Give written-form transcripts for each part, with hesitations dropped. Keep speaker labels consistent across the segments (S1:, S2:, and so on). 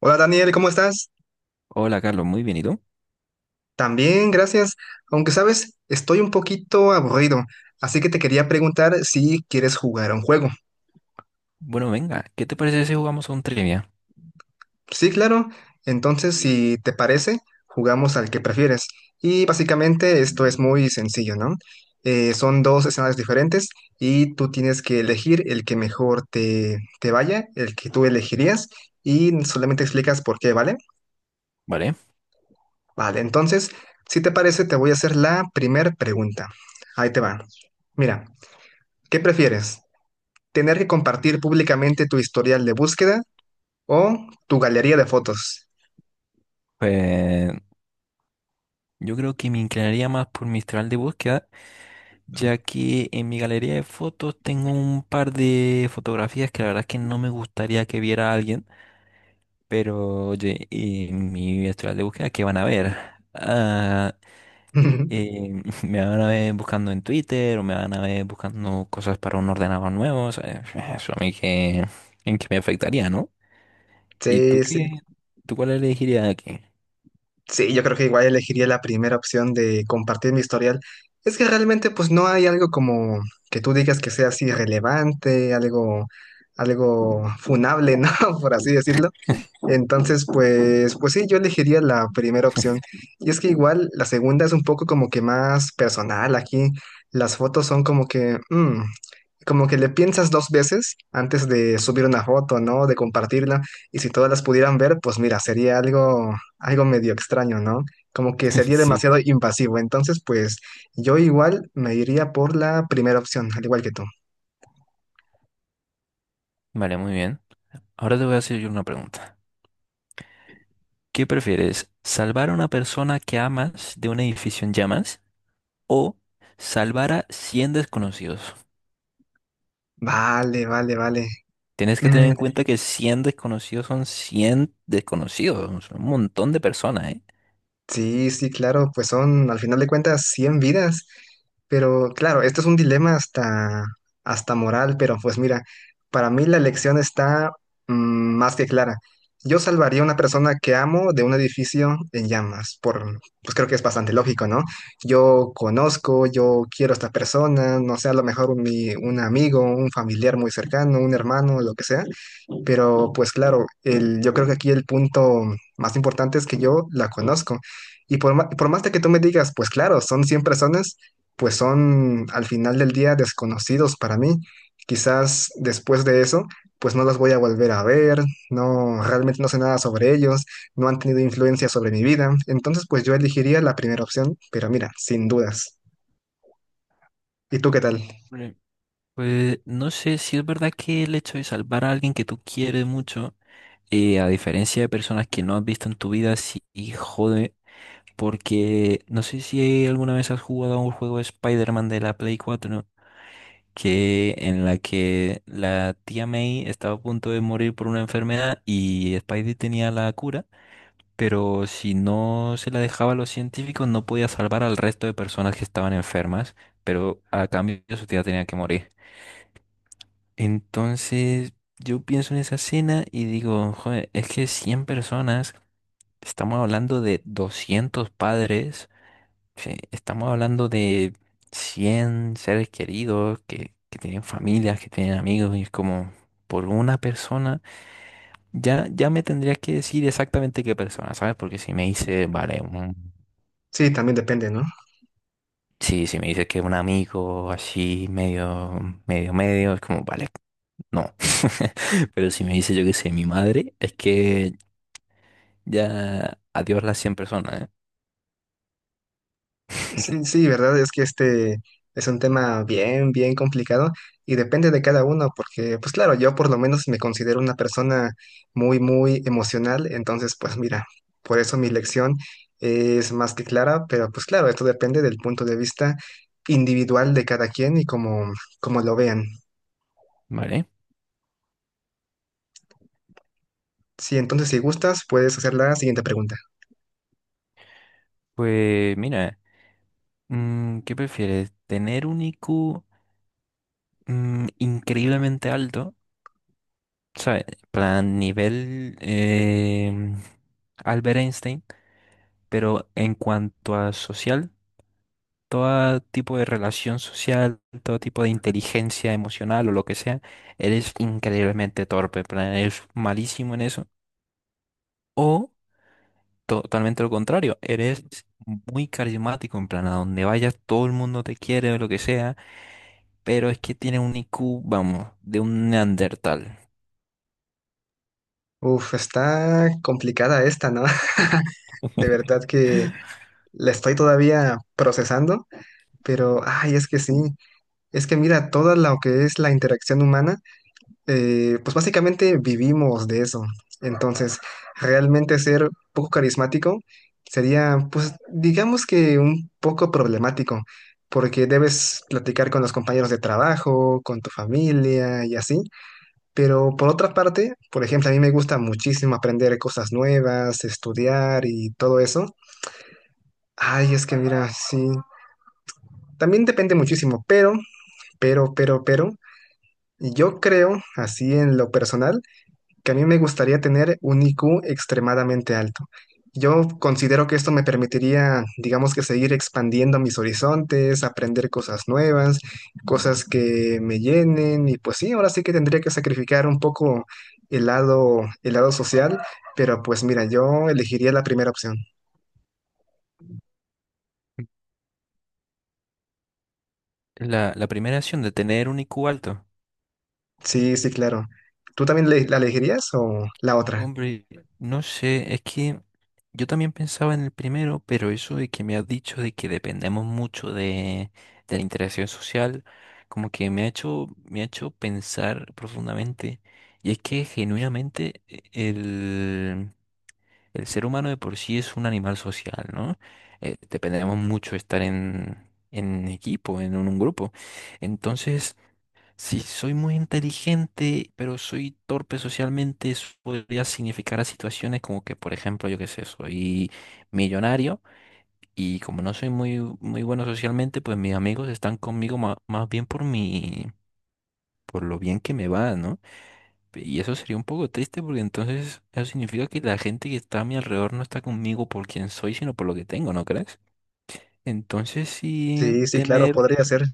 S1: Hola Daniel, ¿cómo estás?
S2: Hola Carlos, muy bien, ¿y tú?
S1: También, gracias. Aunque sabes, estoy un poquito aburrido, así que te quería preguntar si quieres jugar a un juego.
S2: Bueno, venga, ¿qué te parece si jugamos a un trivia?
S1: Sí, claro. Entonces, si te parece, jugamos al que prefieres. Y básicamente esto es muy sencillo, ¿no? Son dos escenarios diferentes y tú tienes que elegir el que mejor te vaya, el que tú elegirías, y solamente explicas por qué, ¿vale?
S2: Vale,
S1: Vale, entonces, si te parece, te voy a hacer la primera pregunta. Ahí te va. Mira. ¿Qué prefieres? ¿Tener que compartir públicamente tu historial de búsqueda o tu galería de fotos?
S2: pues yo creo que me inclinaría más por mi historial de búsqueda, ya que en mi galería de fotos tengo un par de fotografías que la verdad es que no me gustaría que viera alguien, pero oye, en mi historial de búsqueda, ¿qué van a ver? Ah, me van a ver buscando en Twitter o me van a ver buscando cosas para un ordenador nuevo, o sea, eso a mí que me afectaría, ¿no? ¿Y
S1: Sí,
S2: tú
S1: sí,
S2: qué? ¿Tú cuál elegirías aquí?
S1: sí, yo creo que igual elegiría la primera opción de compartir mi historial. Es que realmente pues no hay algo como que tú digas que sea así relevante, algo funable, ¿no? Por así decirlo. Entonces, pues sí, yo elegiría la primera opción. Y es que igual la segunda es un poco como que más personal. Aquí las fotos son como que, como que le piensas dos veces antes de subir una foto, ¿no? De compartirla. Y si todas las pudieran ver, pues mira, sería algo medio extraño, ¿no? Como que sería
S2: Sí.
S1: demasiado invasivo. Entonces, pues yo igual me iría por la primera opción, al igual que tú.
S2: Vale, muy bien. Ahora te voy a hacer yo una pregunta. ¿Qué prefieres? ¿Salvar a una persona que amas de un edificio en llamas o salvar a 100 desconocidos?
S1: Vale, vale, vale.
S2: Tienes que tener
S1: Mm.
S2: en cuenta que 100 desconocidos son 100 desconocidos, son un montón de personas, ¿eh?
S1: Sí, sí, claro, pues son al final de cuentas 100 vidas, pero claro, esto es un dilema hasta moral, pero pues mira, para mí la elección está mm, más que clara. Yo salvaría a una persona que amo de un edificio en llamas, por, pues creo que es bastante lógico, ¿no? Yo conozco, yo quiero a esta persona, no sé, a lo mejor un amigo, un familiar muy cercano, un hermano, lo que sea. Pero pues claro, yo creo que aquí el punto más importante es que yo la conozco. Y por, por más de que tú me digas, pues claro, son 100 personas, pues son al final del día desconocidos para mí. Quizás después de eso, pues no los voy a volver a ver, no, realmente no sé nada sobre ellos, no han tenido influencia sobre mi vida. Entonces, pues yo elegiría la primera opción, pero mira, sin dudas. ¿Y tú qué tal?
S2: Vale. Pues no sé si es verdad que el hecho de salvar a alguien que tú quieres mucho, a diferencia de personas que no has visto en tu vida, sí jode. Porque no sé si alguna vez has jugado a un juego de Spider-Man de la Play 4, que en la que la tía May estaba a punto de morir por una enfermedad y Spidey tenía la cura, pero si no se la dejaba a los científicos no podía salvar al resto de personas que estaban enfermas, pero a cambio su tía tenía que morir. Entonces yo pienso en esa escena y digo, joder, es que 100 personas, estamos hablando de 200 padres. Sí, estamos hablando de 100 seres queridos que, tienen familias, que tienen amigos, y es como por una persona. Ya, ya me tendrías que decir exactamente qué persona, ¿sabes? Porque si me dice, vale,
S1: Sí, también depende, ¿no?
S2: sí, si me dices que es un amigo así, medio, medio, medio, es como, vale, no. Pero si me dice, yo qué sé, mi madre, es que ya adiós las 100 personas, ¿eh?
S1: Sí, sí, verdad, es que este es un tema bien, bien complicado y depende de cada uno, porque pues claro, yo por lo menos me considero una persona muy, muy emocional, entonces pues mira, por eso mi lección es más que clara, pero pues claro, esto depende del punto de vista individual de cada quien y como lo vean.
S2: Vale.
S1: Sí, entonces si gustas, puedes hacer la siguiente pregunta.
S2: Pues mira, ¿qué prefieres? ¿Tener un IQ? Increíblemente alto, ¿sabes? Plan nivel Albert Einstein, pero en cuanto a social, todo tipo de relación social, todo tipo de inteligencia emocional o lo que sea, eres increíblemente torpe, plan, eres malísimo en eso. O totalmente lo contrario, eres muy carismático, en plan, a donde vayas todo el mundo te quiere o lo que sea, pero es que tiene un IQ, vamos, de un neandertal.
S1: Uf, está complicada esta, ¿no? De verdad que la estoy todavía procesando. Pero, ay, es que sí, es que mira, toda lo que es la interacción humana, pues básicamente vivimos de eso. Entonces, realmente ser poco carismático sería, pues, digamos que un poco problemático, porque debes platicar con los compañeros de trabajo, con tu familia y así. Pero por otra parte, por ejemplo, a mí me gusta muchísimo aprender cosas nuevas, estudiar y todo eso. Ay, es que mira, sí. También depende muchísimo, pero Pero, yo creo, así en lo personal, que a mí me gustaría tener un IQ extremadamente alto. Yo considero que esto me permitiría, digamos que seguir expandiendo mis horizontes, aprender cosas nuevas, cosas que me llenen y pues sí, ahora sí que tendría que sacrificar un poco el lado social, pero pues mira, yo elegiría la primera opción.
S2: La primera acción de tener un IQ alto.
S1: Sí, sí, claro. ¿Tú también la elegirías o la otra?
S2: Hombre, no sé, es que yo también pensaba en el primero, pero eso de que me has dicho de que dependemos mucho de la interacción social, como que me ha hecho pensar profundamente. Y es que genuinamente el, el ser humano de por sí es un animal social, ¿no? Dependemos mucho de estar en equipo, en un grupo. Entonces… Si soy muy inteligente, pero soy torpe socialmente, eso podría significar a situaciones como que, por ejemplo, yo qué sé, soy millonario y como no soy muy bueno socialmente, pues mis amigos están conmigo más, bien por mi, por lo bien que me va, ¿no? Y eso sería un poco triste porque entonces eso significa que la gente que está a mi alrededor no está conmigo por quien soy, sino por lo que tengo, ¿no crees? Entonces sí,
S1: Sí, sí, claro,
S2: tener.
S1: podría ser.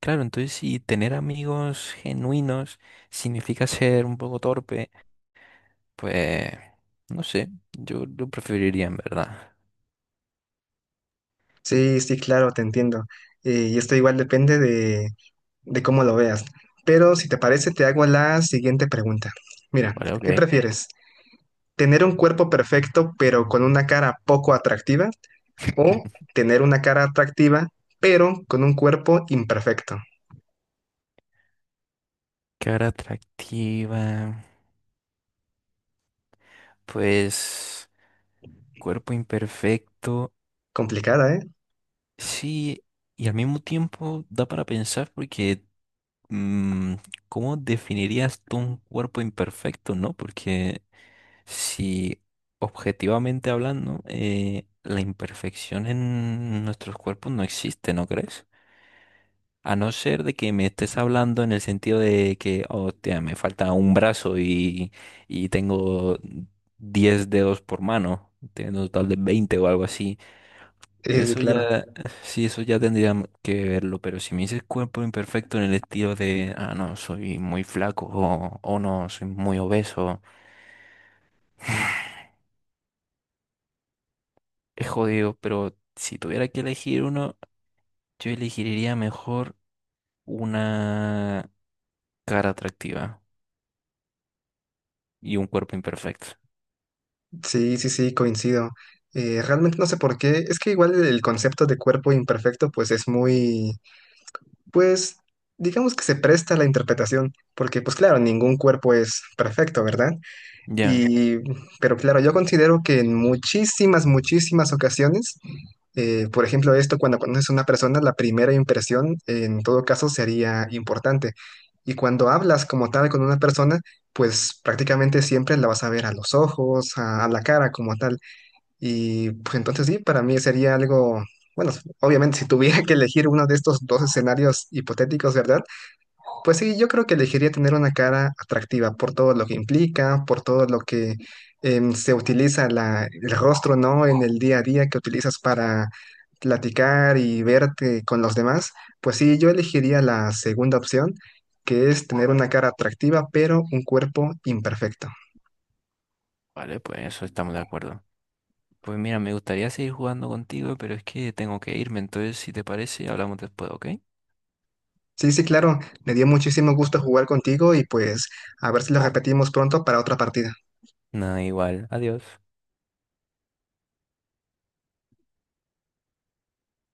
S2: Claro, entonces si tener amigos genuinos significa ser un poco torpe, pues no sé, yo lo preferiría en verdad.
S1: Sí, sí, claro, te entiendo. Y esto igual depende de cómo lo veas. Pero si te parece, te hago la siguiente pregunta. Mira,
S2: Vale, ok.
S1: ¿qué prefieres? ¿Tener un cuerpo perfecto pero con una cara poco atractiva? ¿O tener una cara atractiva pero con un cuerpo imperfecto?
S2: Cara atractiva, pues cuerpo imperfecto,
S1: Complicada, ¿eh?
S2: sí, y al mismo tiempo da para pensar porque mm, ¿cómo definirías tú un cuerpo imperfecto, no? Porque si objetivamente hablando, la imperfección en nuestros cuerpos no existe, ¿no crees? A no ser de que me estés hablando en el sentido de que, oh, tía, me falta un brazo y tengo 10 dedos por mano, tengo un total de 20 o algo así.
S1: Sí, sí,
S2: Eso
S1: claro.
S2: ya, sí, eso ya tendría que verlo, pero si me dices cuerpo imperfecto en el estilo de, ah, no, soy muy flaco o no, soy muy obeso. Es jodido, pero si tuviera que elegir uno, yo elegiría mejor una cara atractiva y un cuerpo imperfecto.
S1: Sí, sí, sí, coincido. Realmente no sé por qué. Es que igual el concepto de cuerpo imperfecto pues es muy... Pues digamos que se presta a la interpretación, porque pues claro, ningún cuerpo es perfecto, ¿verdad?
S2: Ya,
S1: Y, pero claro, yo considero que en muchísimas, muchísimas ocasiones, por ejemplo, esto cuando conoces a una persona, la primera impresión en todo caso sería importante. Y cuando hablas como tal con una persona, pues prácticamente siempre la vas a ver a los ojos, a la cara como tal. Y pues entonces sí, para mí sería algo, bueno, obviamente si tuviera que elegir uno de estos dos escenarios hipotéticos, ¿verdad? Pues sí, yo creo que elegiría tener una cara atractiva por todo lo que implica, por todo lo que se utiliza el rostro, ¿no? En el día a día que utilizas para platicar y verte con los demás. Pues sí, yo elegiría la segunda opción, que es tener una cara atractiva, pero un cuerpo imperfecto.
S2: vale, pues eso estamos de acuerdo. Pues mira, me gustaría seguir jugando contigo, pero es que tengo que irme, entonces si te parece, hablamos después, ¿ok?
S1: Sí, sí, claro. Me dio muchísimo gusto jugar contigo y pues a ver si lo repetimos pronto para otra partida.
S2: Nada igual. Adiós.